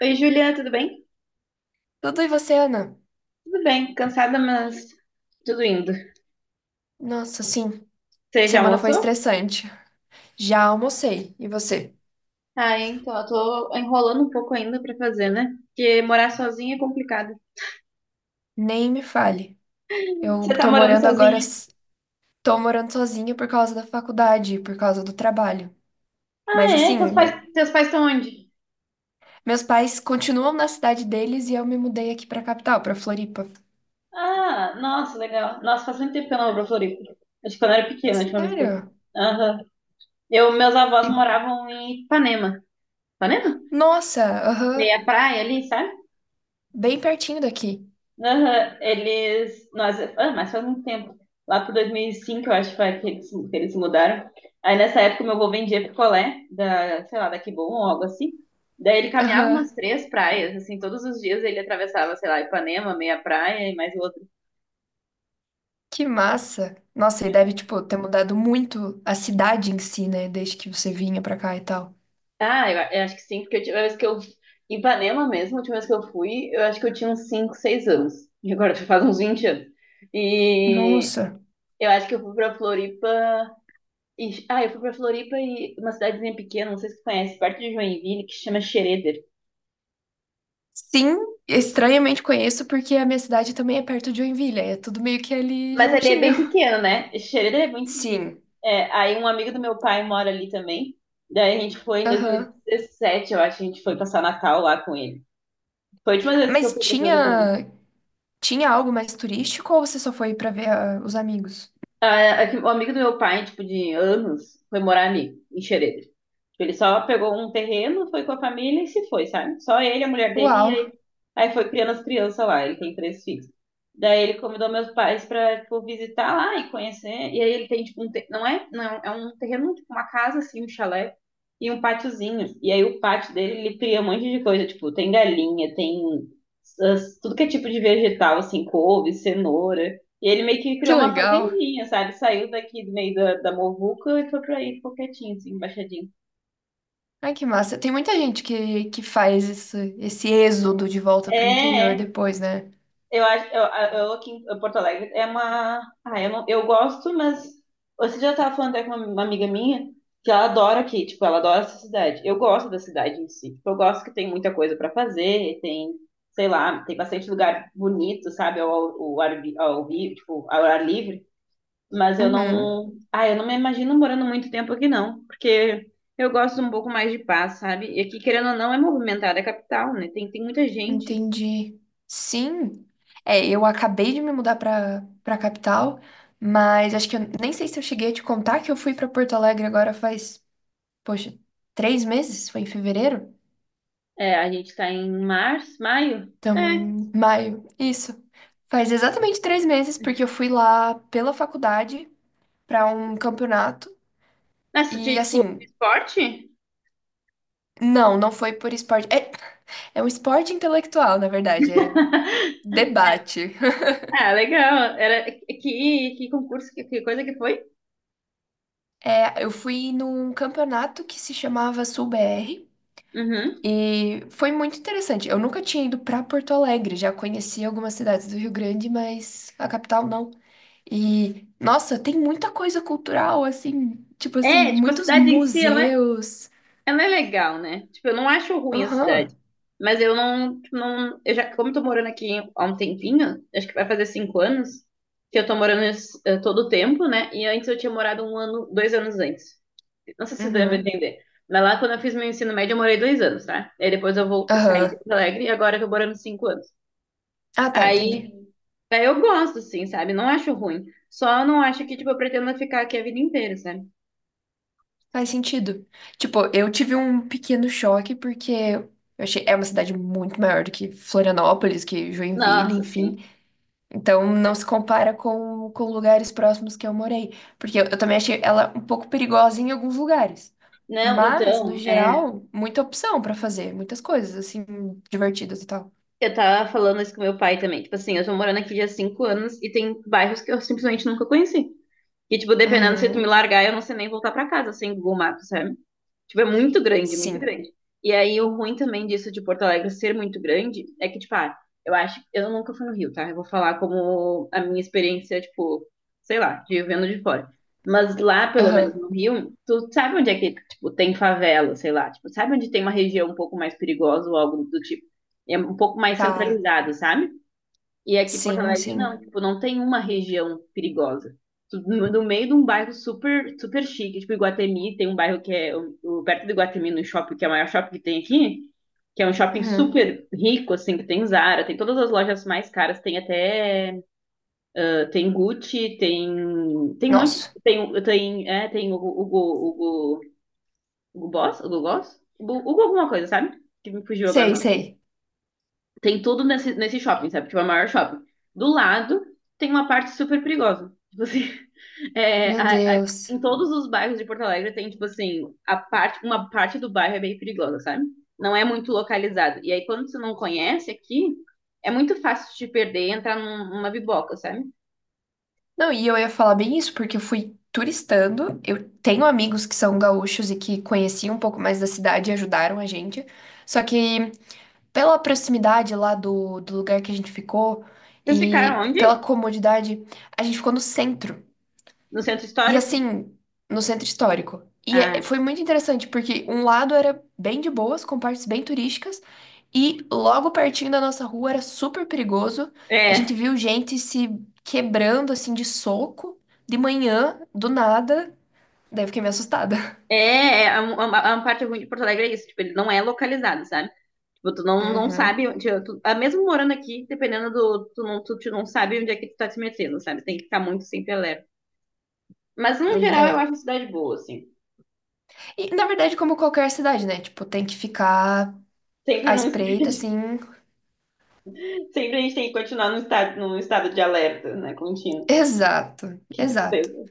Oi, Juliana, tudo bem? Tudo e você, Ana? Tudo bem, cansada, mas tudo indo. Nossa, sim. Você já Semana foi almoçou? estressante. Já almocei. E você? Eu tô enrolando um pouco ainda pra fazer, né? Porque morar sozinha é complicado. Nem me fale. Eu Você tá tô morando morando agora, sozinha? Tô morando sozinha por causa da faculdade, por causa do trabalho. Ah, Mas é? assim, Teus pais, teus pais estão onde? meus pais continuam na cidade deles e eu me mudei aqui pra capital, pra Floripa. Ah, nossa, legal. Nossa, faz muito tempo que eu não vou pra Floripa. Acho que quando eu era pequena, a última vez que eu... Sério? Aham. Meus avós E- moravam em Ipanema. Ipanema? Nossa, aham. Meia praia ali, sabe? Bem pertinho daqui. Aham, eles. Nossa, ah, mas faz muito tempo. Lá por 2005, eu acho foi que eles se mudaram. Aí nessa época, meu avô vendia picolé, da, sei lá, da Kibon ou algo assim. Daí ele caminhava Aham. umas três praias, assim, todos os dias ele atravessava, sei lá, Ipanema, meia praia e mais outra. Que massa. Nossa, e deve, tipo, ter mudado muito a cidade em si, né? Desde que você vinha pra cá e tal. Ah, eu acho que sim, porque a última vez que eu. Em Ipanema mesmo, a última vez que eu fui, eu acho que eu tinha uns 5, 6 anos. E agora já faz uns 20 anos. E Nossa. eu acho que eu fui pra Floripa. Eu fui pra Floripa e uma cidadezinha pequena, não sei se você conhece, perto de Joinville, que se chama Xereder. Sim, estranhamente conheço porque a minha cidade também é perto de Joinville, é tudo meio que ali Mas ali é juntinho. bem pequeno, né? Xereder é muito. Sim. É, aí um amigo do meu pai mora ali também. Daí a gente foi em Aham. 2017, eu acho, a gente foi passar Natal lá com ele. Foi a última vez que eu Mas fui pra Floripa. tinha algo mais turístico ou você só foi pra ver os amigos? Ah, é o amigo do meu pai, tipo, de anos, foi morar ali, em Xereder. Ele só pegou um terreno, foi com a família e se foi, sabe? Só ele, a mulher dele, e Uau, aí, aí foi criando as crianças lá. Ele tem três filhos. Daí ele convidou meus pais pra, tipo, visitar lá e conhecer. E aí ele tem, tipo, um te... não é, não é um é um terreno, tipo, uma casa, assim, um chalé e um pátiozinho. E aí o pátio dele, ele cria um monte de coisa, tipo, tem galinha, tem tudo que é tipo de vegetal, assim, couve, cenoura. E ele meio que que criou uma legal. fazendinha, sabe? Saiu daqui do meio da muvuca e foi pra aí, ficou quietinho, assim, embaixadinho. Ai, que massa. Tem muita gente que faz esse êxodo de volta É, pro interior é. depois, né? Eu acho, eu aqui em Porto Alegre é uma, eu não, eu gosto, mas você já estava falando até com uma amiga minha que ela adora aqui, tipo, ela adora essa cidade. Eu gosto da cidade em si, tipo, eu gosto que tem muita coisa para fazer, tem, sei lá, tem bastante lugar bonito, sabe, tipo, ao ar livre. Mas eu Uhum. não, ah, eu não me imagino morando muito tempo aqui não, porque eu gosto um pouco mais de paz, sabe? E aqui, querendo ou não, é movimentada, é capital, né? Tem muita gente. Entendi. Sim. É, eu acabei de me mudar para capital, mas acho que eu nem sei se eu cheguei a te contar que eu fui para Porto Alegre agora faz, poxa, 3 meses? Foi em fevereiro? É, a gente tá em março, maio? Estamos É. em maio. Isso. Faz exatamente 3 meses, porque eu fui lá pela faculdade para um campeonato. Nessa E de, tipo, assim, esporte? Não foi por esporte. É um esporte intelectual, na verdade, é debate. Ah, legal. Que concurso, que coisa que foi? É, eu fui num campeonato que se chamava sul r Uhum. e foi muito interessante. Eu nunca tinha ido para Porto Alegre, já conheci algumas cidades do Rio Grande, mas a capital não. E, nossa, tem muita coisa cultural, assim, tipo assim, É, tipo, a muitos cidade em si, ela é, museus. ela é legal, né? Tipo, eu não acho ruim a cidade. Aham, Mas eu não, tipo, não. Eu já, como eu tô morando aqui há um tempinho, acho que vai fazer 5 anos, que eu tô morando todo o tempo, né? E antes eu tinha morado um ano, 2 anos antes. Não sei se deu pra uhum, entender. Mas lá, quando eu fiz meu ensino médio, eu morei 2 anos, tá? Aí depois eu vou sair de aham. Porto Alegre e agora eu tô morando 5 anos. Ah, tá, Aí, entendi. aí eu gosto, assim, sabe? Não acho ruim. Só não acho que, tipo, eu pretendo ficar aqui a vida inteira, sabe? Faz sentido. Tipo, eu tive um pequeno choque porque eu achei, é uma cidade muito maior do que Florianópolis, que Joinville, Nossa, sim. enfim. Então, não se compara com lugares próximos que eu morei. Porque eu também achei ela um pouco perigosa em alguns lugares. Não, Mas, no então, é, geral, muita opção pra fazer. Muitas coisas, assim, divertidas e tal. eu tava falando isso com meu pai também. Tipo assim, eu tô morando aqui já há 5 anos e tem bairros que eu simplesmente nunca conheci. Que, tipo, dependendo se tu me Uhum. largar, eu não sei nem voltar pra casa sem Google Maps, sabe? Tipo, é muito grande, muito Sim. grande. E aí, o ruim também disso de Porto Alegre ser muito grande é que, tipo, eu acho. Eu nunca fui no Rio, tá? Eu vou falar como a minha experiência, tipo, sei lá, de vendo de fora. Mas lá, pelo menos Aham. no Rio, tu sabe onde é que, tipo, tem favela, sei lá. Tipo, sabe onde tem uma região um pouco mais perigosa ou algo do tipo. É um pouco mais Tá. centralizado, sabe? E aqui em Porto Sim, Alegre não, sim. tipo, não tem uma região perigosa. No meio de um bairro super, super chique, tipo Iguatemi, tem um bairro que é perto do Iguatemi, no shopping, que é o maior shopping que tem aqui, que é um shopping Uhum. super rico, assim, que tem Zara, tem todas as lojas mais caras, tem até, tem Gucci, tem, um monte, Nossa. tem, tem, é, tem o Hugo, Hugo, Hugo Boss, Hugo Boss, Hugo Hugo alguma coisa, sabe? Que me fugiu Sei, agora o sei. tem tudo nesse shopping, sabe? Tipo, é o maior shopping. Do lado tem uma parte super perigosa. Tipo assim, é, Meu Deus. em todos os bairros de Porto Alegre tem, tipo assim, a parte, uma parte do bairro é bem perigosa, sabe? Não é muito localizado. E aí, quando você não conhece aqui, é muito fácil de te perder e entrar numa biboca, sabe? Não, e eu ia falar bem isso, porque eu fui turistando. Eu tenho amigos que são gaúchos e que conheciam um pouco mais da cidade e ajudaram a gente. Só que pela proximidade lá do lugar que a gente ficou Vocês e ficaram onde? pela comodidade, a gente ficou no centro. No centro E histórico? assim, no centro histórico. E Ah, foi muito interessante, porque um lado era bem de boas, com partes bem turísticas, e logo pertinho da nossa rua era super perigoso. A é. gente viu gente se quebrando assim de soco de manhã, do nada. Daí eu fiquei meio assustada. É, é, é uma parte ruim de Porto Alegre é isso. Tipo, ele não é localizado, sabe? Tipo, tu não, não Uhum. sabe onde. Mesmo morando aqui, dependendo do. Tu não sabe onde é que tu tá te metendo, sabe? Tem que ficar muito sempre alerta. Mas, no geral, eu É. acho a cidade boa, assim. E, na verdade, como qualquer cidade, né? Tipo, tem que ficar Sempre, à espreita, assim. sempre a gente tem que continuar num estado de alerta, né? Contínuo. Exato, Que exato. tristeza.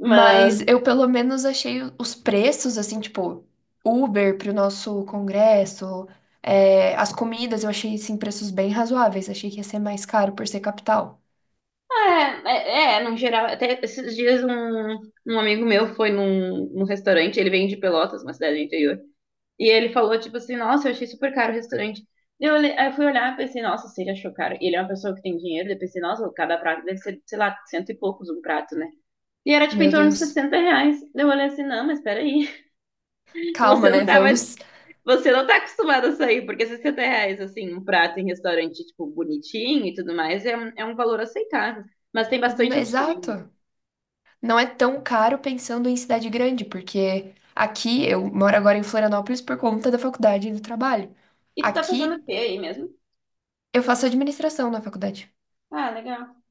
Mas, Mas eu pelo menos achei os preços, assim, tipo, Uber para o nosso congresso, é, as comidas eu achei, assim, preços bem razoáveis. Achei que ia ser mais caro por ser capital. ah, é, é, é, no geral, até esses dias um, amigo meu foi num restaurante, ele vem de Pelotas, uma cidade do interior. E ele falou, tipo assim, nossa, eu achei super caro o restaurante. Aí eu fui olhar e pensei, nossa, se ele achou caro. E ele é uma pessoa que tem dinheiro, eu pensei, nossa, cada prato deve ser, sei lá, cento e poucos um prato, né? E era, tipo, em Meu torno de Deus. R$ 60. Eu olhei assim, não, mas peraí, você Calma, não né? tava, Vamos. você não tá acostumado a sair, porque R$ 60, assim, um prato em restaurante, tipo, bonitinho e tudo mais, é um valor aceitável. Mas tem bastante opções. Exato. Não é tão caro pensando em cidade grande, porque aqui eu moro agora em Florianópolis por conta da faculdade e do trabalho. E tu tá fazendo o Aqui quê aí mesmo? eu faço administração na faculdade. Ah, legal.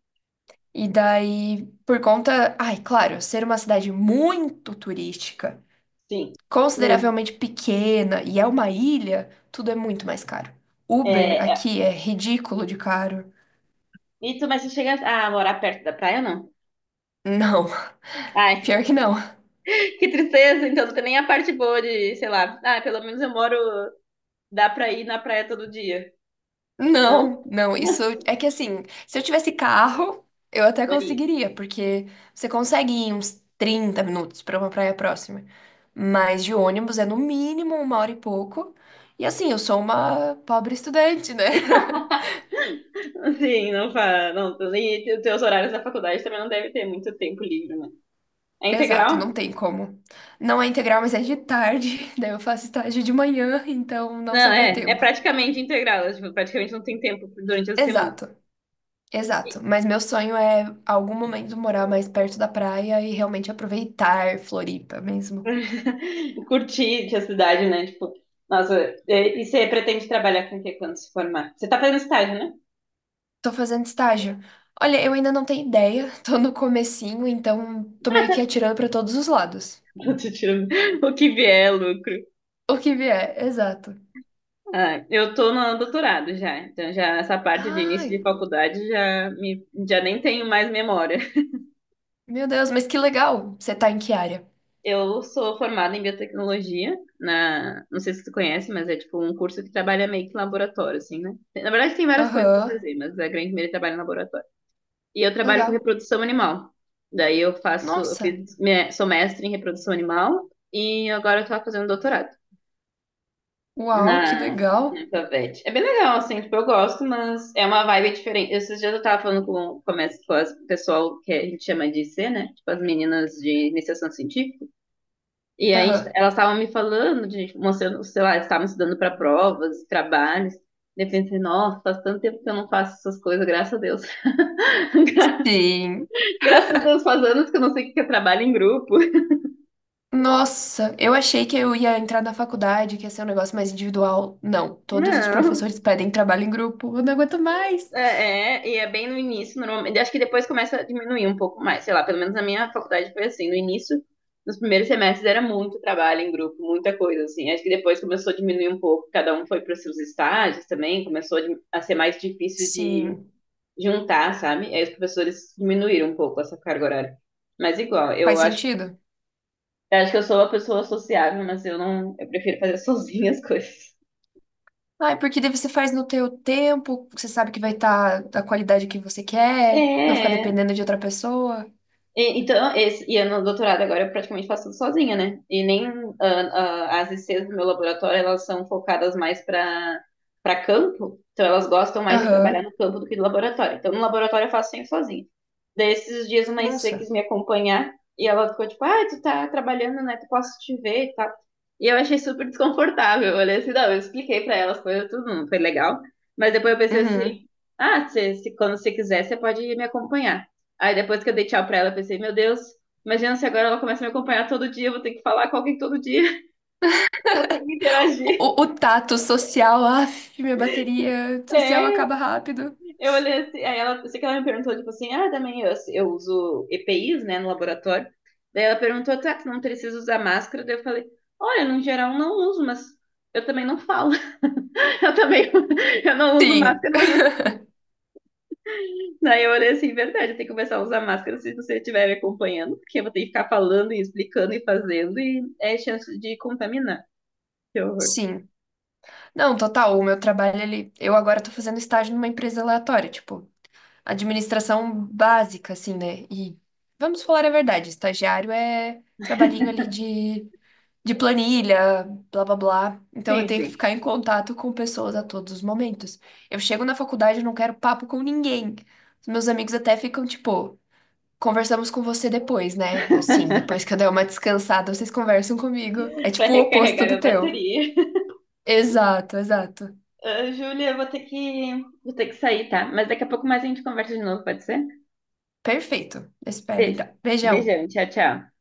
E daí, por conta, ai, claro, ser uma cidade muito turística, Sim, muito. consideravelmente pequena e é uma ilha, tudo é muito mais caro. Uber É, é. aqui é ridículo de caro. Mas tu chega a morar perto da praia ou não? Não, Ai, pior que não. que tristeza, então não tem nem a parte boa de, sei lá, pelo menos eu moro, dá pra ir na praia todo dia. Não? Não, isso Não, é que assim, se eu tivesse carro, eu até daria. conseguiria, porque você consegue ir uns 30 minutos para uma praia próxima. Mas de ônibus é no mínimo uma hora e pouco. E assim, eu sou uma pobre estudante, né? Sim, não faz. Não, e os teus horários da faculdade também não deve ter muito tempo livre, né? É Exato, integral? não tem como. Não é integral, mas é de tarde, daí eu faço estágio de manhã, então não Não, sobra é, é tempo. praticamente integral, é, tipo, praticamente não tem tempo durante a semana. Exato, E- exato. Mas meu sonho é algum momento morar mais perto da praia e realmente aproveitar Floripa mesmo. Curtir a cidade, né? Tipo, nossa, e você pretende trabalhar com o que quando se formar? Você tá fazendo estágio, né? Tô fazendo estágio. Olha, eu ainda não tenho ideia, tô no comecinho, então tô Ah, meio tá. que atirando pra todos os lados. Eu tô tirando o que vier, é lucro. O que vier, exato. Ah, eu tô no doutorado já, então já essa parte de Ai, início de faculdade já me já nem tenho mais memória. meu Deus, mas que legal. Você tá em que área? Eu sou formada em biotecnologia, não sei se você conhece, mas é tipo um curso que trabalha meio que em laboratório, assim, né? Na verdade tem várias coisas pra Aham, fazer, mas a grande maioria trabalha em laboratório. E eu trabalho com legal. reprodução animal. Daí eu faço, eu Nossa, fiz, minha- sou mestre em reprodução animal e agora eu tô fazendo doutorado. uau, que na, legal. na Favete. É bem legal, assim, tipo, eu gosto, mas é uma vibe diferente. Esses dias eu tava falando com as o pessoal que a gente chama de IC né? Tipo, as meninas de iniciação científica. E aí Aham. elas estavam me falando, de, tipo, mostrando, sei lá, elas estavam estudando para provas, trabalhos. E eu pensei, nossa, faz tanto tempo que eu não faço essas coisas, graças a Deus. Sim. Graças a Deus, faz anos que eu não sei o que é trabalho em grupo. Nossa, eu achei que eu ia entrar na faculdade, que ia ser um negócio mais individual. Não, todos os Não, professores pedem trabalho em grupo. Eu não aguento mais. é, é, e é bem no início, normalmente. Acho que depois começa a diminuir um pouco mais, sei lá, pelo menos na minha faculdade foi assim, no início, nos primeiros semestres era muito trabalho em grupo, muita coisa, assim. Acho que depois começou a diminuir um pouco, cada um foi para os seus estágios também, começou a di- a ser mais difícil de Sim, juntar, sabe? Aí os professores diminuíram um pouco essa carga horária. Mas igual, eu faz acho, sentido. eu acho que eu sou uma pessoa sociável, mas eu não, eu prefiro fazer sozinha as coisas. Ah, porque daí você faz no teu tempo, você sabe que vai estar da qualidade que você quer, não fica É, é. dependendo de outra pessoa. E- Então, esse, e eu no doutorado agora eu praticamente faço tudo sozinha, né? E nem as ICs do meu laboratório, elas são focadas mais para campo, então elas gostam mais de trabalhar Aham. no campo do que no laboratório. Então, no laboratório eu faço sempre sozinha. Daí, esses dias, uma IC quis Nossa. me acompanhar e ela ficou tipo, ah, tu tá trabalhando, né? Tu posso te ver e tal. E eu achei super desconfortável. Eu olhei assim, não, eu expliquei para elas, foi tudo, não foi legal. Mas depois eu pensei assim, Uhum. ah, quando você quiser, você pode me acompanhar. Aí depois que eu dei tchau pra ela, eu pensei, meu Deus, imagina se agora ela começa a me acompanhar todo dia, eu vou ter que falar com alguém todo dia, vou ter que interagir. O tato social, af, minha bateria social É, acaba rápido. eu olhei assim, eu sei que ela me perguntou, tipo assim, ah, também eu uso EPIs, né, no laboratório. Daí ela perguntou, tá, tu não precisa usar máscara? Daí eu falei, olha, no geral não uso, mas eu também não falo. Eu também eu não uso Sim. máscara, mas daí eu olhei assim, verdade, eu tenho que começar a usar máscara se você estiver me acompanhando, porque eu vou ter que ficar falando e explicando e fazendo, e é chance de contaminar. Que horror. Sim. Não, total, o meu trabalho, ele, eu agora tô fazendo estágio numa empresa aleatória, tipo, administração básica, assim, né? E vamos falar a verdade, estagiário é trabalhinho ali de planilha, blá blá blá. Então eu Sim, tenho que sim. ficar em contato com pessoas a todos os momentos. Eu chego na faculdade, e não quero papo com ninguém. Os meus amigos até ficam, tipo, conversamos com você depois, né? Eu, sim, depois que eu der uma descansada, vocês conversam comigo. É Pra tipo o oposto recarregar do minha teu. bateria. Exato, exato. Ah, Júlia, eu vou ter que, sair, tá? Mas daqui a pouco mais a gente conversa de novo, pode ser? Perfeito. Espero, Be- então. Beijão. Beijão, tchau, tchau.